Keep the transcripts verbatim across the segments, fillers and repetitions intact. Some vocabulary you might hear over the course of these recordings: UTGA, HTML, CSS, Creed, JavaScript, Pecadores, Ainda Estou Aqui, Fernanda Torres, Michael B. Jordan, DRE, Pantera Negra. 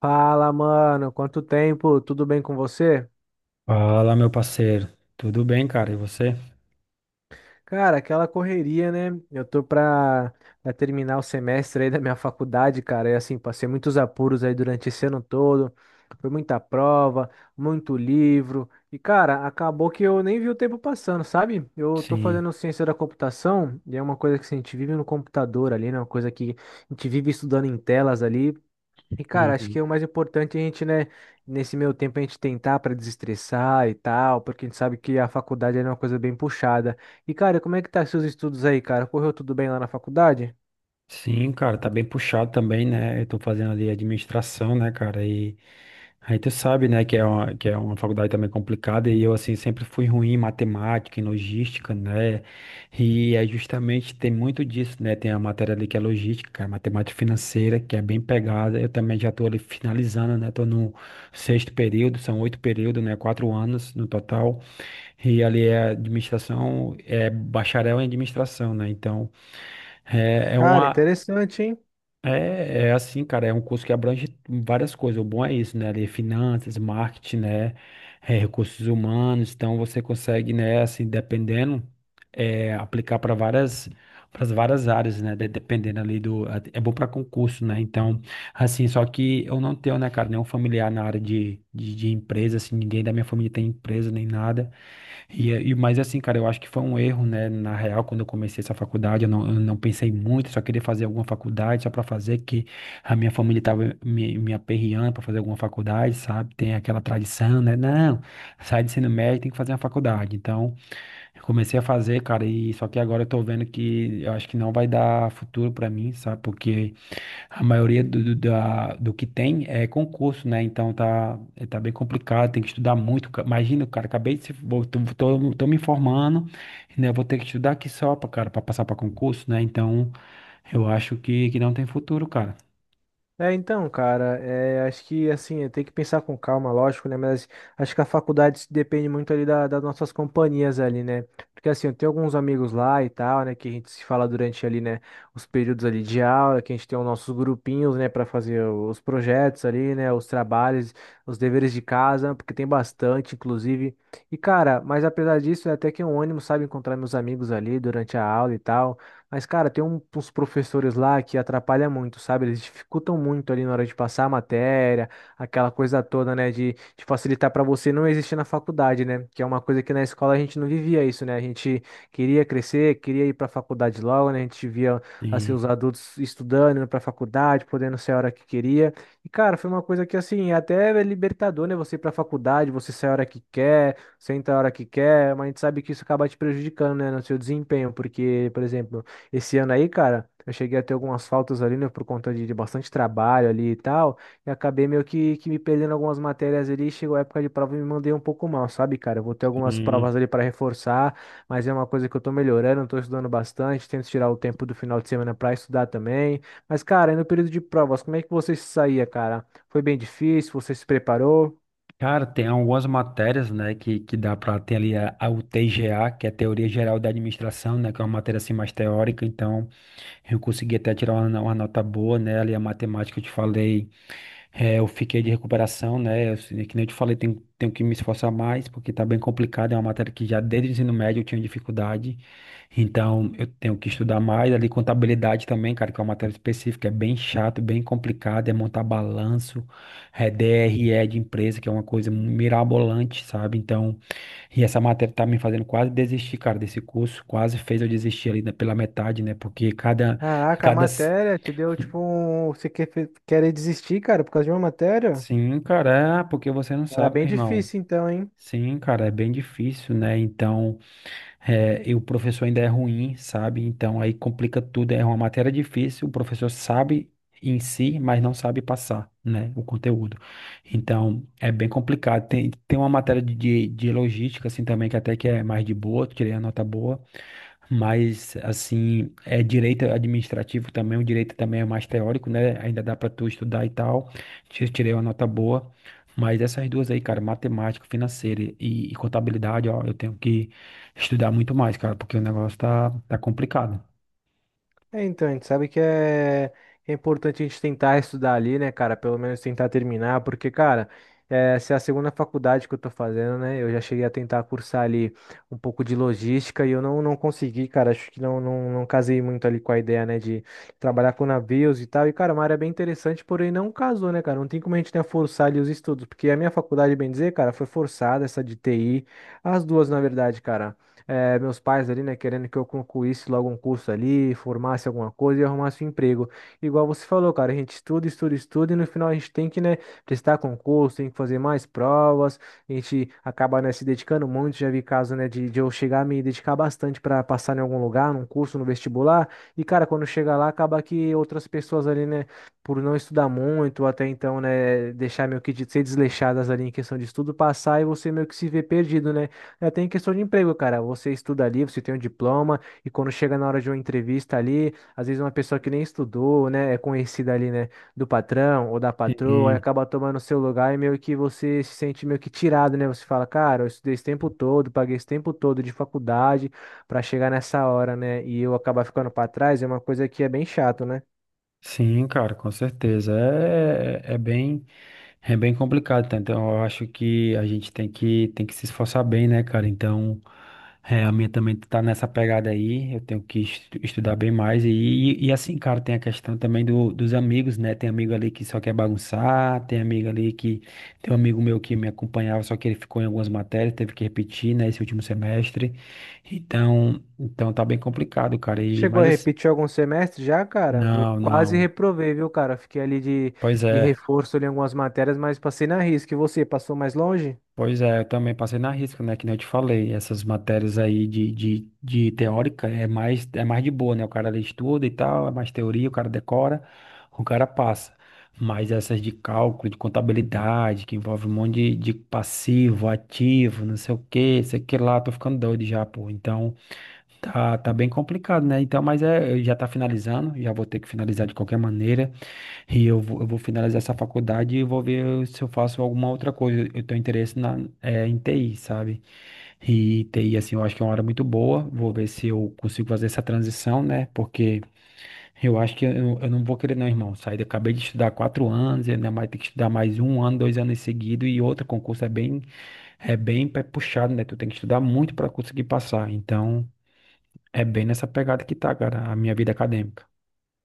Fala, mano. Quanto tempo? Tudo bem com você? Fala, meu parceiro. Tudo bem, cara? E você? Cara, aquela correria, né? Eu tô pra, pra terminar o semestre aí da minha faculdade, cara. E assim, passei muitos apuros aí durante esse ano todo. Foi muita prova, muito livro. E, cara, acabou que eu nem vi o tempo passando, sabe? Eu tô Sim. fazendo ciência da computação e é uma coisa que assim, a gente vive no computador ali, né? Uma coisa que a gente vive estudando em telas ali. E, cara, acho que Uhum. é o mais importante é a gente, né, nesse meio tempo a gente tentar para desestressar e tal, porque a gente sabe que a faculdade é uma coisa bem puxada. E, cara, como é que tá seus estudos aí, cara? Correu tudo bem lá na faculdade? Sim, cara, tá bem puxado também, né? Eu tô fazendo ali administração, né, cara? E aí tu sabe, né, que é uma, que é uma faculdade também complicada e eu, assim, sempre fui ruim em matemática, em logística, né? E é justamente, tem muito disso, né? Tem a matéria ali que é logística, cara, matemática financeira, que é bem pegada. Eu também já tô ali finalizando, né? Tô no sexto período, são oito períodos, né? Quatro anos no total. E ali é administração, é bacharel em administração, né? Então, é, é Cara, uma. interessante, hein? É, é assim, cara, é um curso que abrange várias coisas. O bom é isso, né? Ali, é finanças, marketing, né? É, recursos humanos. Então, você consegue, né, assim, dependendo, é, aplicar para várias. Para várias áreas, né? de- Dependendo ali do. É bom para concurso, né? Então, assim, só que eu não tenho, né, cara, nenhum familiar na área de, de, de empresa, assim, ninguém da minha família tem empresa nem nada. E, é- e, mas assim, cara, eu acho que foi um erro, né? Na real, quando eu comecei essa faculdade, eu não, eu não pensei muito, só queria fazer alguma faculdade, só pra fazer, que a minha família tava me, me aperreando pra fazer alguma faculdade, sabe? Tem aquela tradição, né? Não, sai do ensino médio, tem que fazer uma faculdade. Então, eu comecei a fazer, cara, e só que agora eu tô vendo que eu acho que não vai dar futuro pra mim, sabe? Porque a maioria do, do, da- do que tem é concurso, né? Então tá, tá bem complicado, tem que estudar muito. Ca- Imagina, cara, acabei de se. vou- Tô, tô, tô me informando, né? Vou ter que estudar aqui só pra, cara, pra passar pra concurso, né? Então eu acho que, que não tem futuro, cara. É, então, cara, é, acho que assim, é, tem que pensar com calma, lógico, né? Mas acho que a faculdade se depende muito ali da- das nossas companhias ali, né? Porque assim, eu tenho alguns amigos lá e tal, né? Que a gente se fala durante ali, né? Os períodos ali de aula, que a gente tem os nossos grupinhos, né? Pra fazer os projetos ali, né? Os trabalhos, os deveres de casa, porque tem bastante, inclusive. E, cara, mas apesar disso, é até que é um ânimo, sabe? Encontrar meus amigos ali durante a aula e tal. Mas, cara, tem um- uns professores lá que atrapalham muito, sabe? Eles dificultam muito ali na hora de passar a matéria, aquela coisa toda, né? De, de facilitar para você não existir na faculdade, né? Que é uma coisa que na escola a gente não vivia isso, né? A gente queria crescer, queria ir para a faculdade logo, né? A gente via, assim, Tem, os adultos estudando, indo para a faculdade, podendo ser a hora que queria. E, cara, foi uma coisa que, assim, é até é libertador, né? Você ir para a faculdade, você sai a hora que quer, senta a hora que quer, mas a gente sabe que isso acaba te prejudicando, né? No seu desempenho, porque, por exemplo. Esse ano aí, cara, eu cheguei a ter algumas faltas ali, né, por conta de, de bastante trabalho ali e tal, e acabei meio que, que me perdendo algumas matérias ali, chegou a época de prova e me mandei um pouco mal, sabe, cara? Eu vou ter algumas tem- provas ali para reforçar, mas é uma coisa que eu tô melhorando, eu tô estudando bastante, tento tirar o tempo do final de semana para estudar também. Mas, cara, e no período de provas, como é que você se saía, cara? Foi bem difícil? Você se preparou? cara, tem algumas matérias, né? Que, que dá para ter ali a, a U T G A, que é a Teoria Geral da Administração, né? Que é uma matéria assim mais teórica, então eu consegui até tirar uma, uma nota boa, né? Ali a matemática eu te falei. É, eu fiquei de recuperação, né? Eu, assim, que nem eu te falei, tenho, tenho que me esforçar mais, porque tá bem complicado. É uma matéria que já desde o ensino médio eu tinha dificuldade. Então, eu tenho que estudar mais. Ali, contabilidade também, cara, que é uma matéria específica, é bem chato, bem complicado. É montar balanço, é D R E de empresa, que é uma coisa mirabolante, sabe? Então, e essa matéria tá me fazendo quase desistir, cara, desse curso. Quase fez eu desistir ali, né, pela metade, né? Porque cada, Caraca, a cada matéria te deu tipo um. Você quer, querer desistir, cara, por causa de uma matéria? Sim, cara, é porque você não Era sabe, bem meu irmão. difícil então, hein? Sim, cara, é bem difícil, né? Então, é, e o professor ainda é ruim, sabe? Então, aí complica tudo. É uma matéria difícil, o professor sabe em si, mas não sabe passar, né? O conteúdo. Então, é bem complicado. Tem, tem uma matéria de, de, de logística, assim, também, que até que é mais de boa, tirei a nota boa. Mas, assim, é direito administrativo também, o direito também é mais teórico, né? Ainda dá para tu estudar e tal. Ti- Tirei uma nota boa. Mas essas duas aí, cara, matemática, financeira e, e contabilidade, ó, eu tenho que estudar muito mais, cara, porque o negócio tá, tá complicado. É, então, a gente sabe que é, é importante a gente tentar estudar ali, né, cara? Pelo menos tentar terminar, porque, cara, é, essa é a segunda faculdade que eu tô fazendo, né? Eu já cheguei a tentar cursar ali um pouco de logística e eu não, não consegui, cara. Acho que não, não, não casei muito ali com a ideia, né, de trabalhar com navios e tal. E, cara, é uma área bem interessante, porém não casou, né, cara? Não tem como a gente, né, forçar ali os estudos, porque a minha faculdade, bem dizer, cara, foi forçada, essa de T I, as duas, na verdade, cara eh, meus pais ali, né, querendo que eu concluísse logo um curso ali, formasse alguma coisa e arrumasse um emprego. Igual você falou, cara, a gente estuda, estuda, estuda e no final a gente tem que, né, prestar concurso, tem que fazer mais provas, a gente acaba, né, se dedicando muito. Já vi caso, né, de, de eu chegar a me dedicar bastante para passar em algum lugar, num curso, no vestibular, e, cara, quando chega lá, acaba que outras pessoas ali, né, por não estudar muito, ou até então, né, deixar meio que de ser desleixadas ali em questão de estudo, passar e você meio que se vê perdido, né? É, tem questão de emprego, cara. Você estuda ali, você tem um diploma, e quando chega na hora de uma entrevista ali, às vezes uma pessoa que nem estudou, né, é conhecida ali, né, do patrão ou da patroa, e Sim, acaba tomando o seu lugar e meio que você se sente meio que tirado, né? Você fala, cara, eu estudei esse tempo todo, paguei esse tempo todo de faculdade pra chegar nessa hora, né, e eu acabar ficando pra trás, é uma coisa que é bem chato, né? sim, cara, com certeza. É, é bem. É bem complicado, tá? Então eu acho que a gente tem que, tem que se esforçar bem, né, cara? Então, é, a minha também tá nessa pegada aí, eu tenho que estu- estudar bem mais. E, e, e assim, cara, tem a questão também do, dos amigos, né? Tem amigo ali que só quer bagunçar, tem amigo ali que. Tem um amigo meu que me acompanhava, só que ele ficou em algumas matérias, teve que repetir, né, esse último semestre. Então, então tá bem complicado, cara. E, Chegou a mas assim, repetir algum semestre já, cara? Eu não, quase não. reprovei, viu, cara? Fiquei ali de, Pois de é. reforço ali em algumas matérias, mas passei na risca. E você, passou mais longe? Pois é, eu também passei na risca, né? Que nem eu te falei, essas matérias aí de, de, de teórica é mais, é mais de boa, né? O cara ali estuda e tal, é mais teoria, o cara decora, o cara passa. Mas essas de cálculo, de contabilidade, que envolve um monte de, de passivo, ativo, não sei o quê, sei que lá, tô ficando doido já, pô. Então, tá, tá bem complicado, né? Então, mas é, já tá finalizando, já vou ter que finalizar de qualquer maneira. E eu vou, eu vou finalizar essa faculdade e vou ver se eu faço alguma outra coisa. Eu tenho interesse na, eh, em T I, sabe? E T I, assim, eu acho que é uma área muito boa. Vou ver se eu consigo fazer essa transição, né? Porque eu acho que eu, eu não vou querer, não, irmão. Sair, eu acabei de estudar quatro anos, e ainda mais ter que estudar mais um ano, dois anos em seguida. E outro concurso é bem, é bem pe- puxado, né? Tu tem que estudar muito para conseguir passar. Então, é bem nessa pegada que tá, cara, a minha vida acadêmica.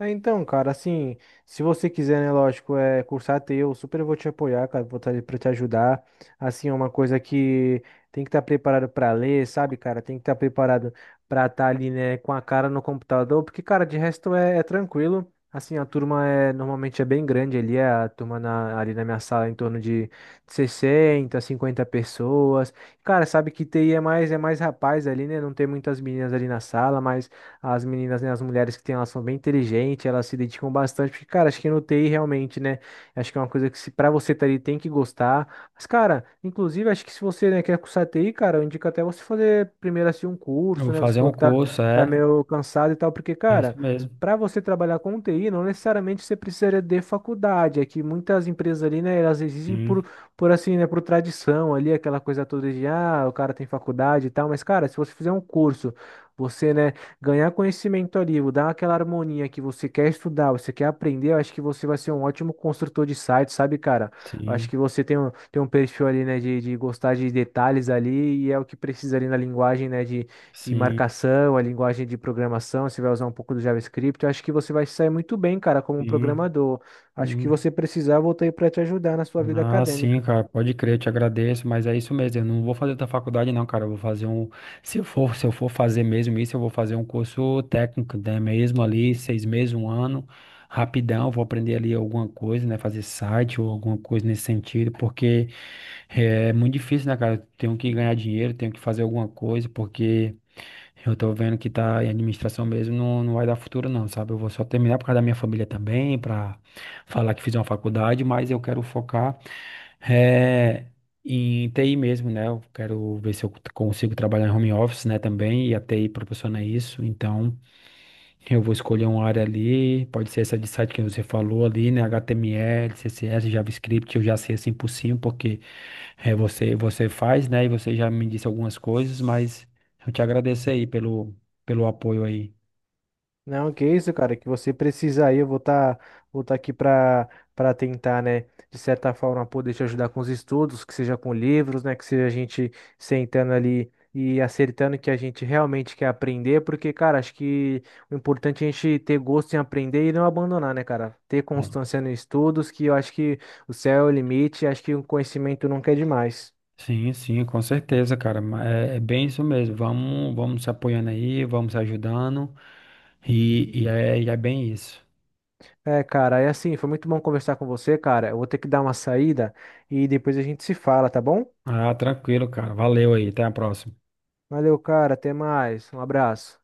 É, então, cara, assim, se você quiser, né, lógico, é cursar teu, super vou te apoiar, cara, vou estar ali pra te ajudar. Assim, é uma coisa que tem que estar preparado pra ler, sabe, cara? Tem que estar preparado pra estar ali, né, com a cara no computador, porque, cara, de resto é, é tranquilo. Assim, a turma é normalmente é bem grande ali, é a turma na- ali na minha sala é em torno de sessenta cinquenta pessoas. Cara, sabe que T I é mais é mais rapaz ali, né? Não tem muitas meninas ali na sala, mas as meninas, né, as mulheres que têm, elas são bem inteligentes, elas se dedicam bastante, porque, cara, acho que no T I realmente, né? Acho que é uma coisa que se para você tá ali tem que gostar. Mas, cara, inclusive, acho que se você, né, quer cursar T I, cara, eu indico até você fazer primeiro assim um Eu curso, vou né? Você fazer um falou que tá, curso, tá é, meio cansado e tal, porque, é isso cara, mesmo. para você trabalhar com T I, não necessariamente você precisaria de faculdade. É que muitas empresas ali, né, elas exigem Sim. por, por assim, né, por tradição ali, aquela coisa toda de, ah, o cara tem faculdade e tal, mas, cara, se você fizer um curso, você, né? Ganhar conhecimento ali, o dar aquela harmonia que você quer estudar, você quer aprender, eu acho que você vai ser um ótimo construtor de site, sabe, cara? Eu acho Sim. que você tem um, tem um perfil ali, né, de, de gostar de detalhes ali, e é o que precisa ali na linguagem, né, de, de Sim, marcação, a linguagem de programação, você vai usar um pouco do JavaScript, eu acho que você vai se sair muito bem, cara, como um sim, programador. Acho que sim. você precisar, eu voltei para te ajudar na sua vida Ah, sim, acadêmica. cara, pode crer, eu te agradeço, mas é isso mesmo, eu não vou fazer da faculdade não, cara, eu vou fazer um, se eu for, se eu for fazer mesmo isso, eu vou fazer um curso técnico, né, mesmo ali, seis meses, um ano, rapidão, vou aprender ali alguma coisa, né, fazer site ou alguma coisa nesse sentido, porque é muito difícil, né, cara, eu tenho que ganhar dinheiro, tenho que fazer alguma coisa, porque eu tô vendo que tá em administração mesmo, não, não vai dar futuro não, sabe? Eu vou só terminar por causa da minha família também, pra falar que fiz uma faculdade, mas eu quero focar eh, em T I mesmo, né? Eu quero ver se eu consigo trabalhar em home office, né, também, e a T I proporciona isso, então eu vou escolher uma área ali, pode ser essa de site que você falou ali, né? H T M L, C S S, JavaScript, eu já sei assim por cima, porque é, você, você faz, né? E você já me disse algumas coisas, mas eu te agradeço aí pelo, pelo apoio aí. Não, que isso, cara, que você precisa aí, eu vou estar vou tá aqui para para tentar, né, de certa forma poder te ajudar com os estudos, que seja com livros, né, que seja a gente sentando ali e acertando o que a gente realmente quer aprender, porque, cara, acho que o importante é a gente ter gosto em aprender e não abandonar, né, cara? Ter Ah, constância nos estudos, que eu acho que o céu é o limite, acho que o conhecimento nunca é demais. sim, sim, com certeza, cara. Ma- É, é bem isso mesmo. Vamos, vamos se apoiando aí, vamos se ajudando, e, e é, e é bem isso. É, cara, é assim, foi muito bom conversar com você, cara. Eu vou ter que dar uma saída e depois a gente se fala, tá bom? Ah, tranquilo, cara. Valeu aí, até a próxima. Valeu, cara. Até mais. Um abraço.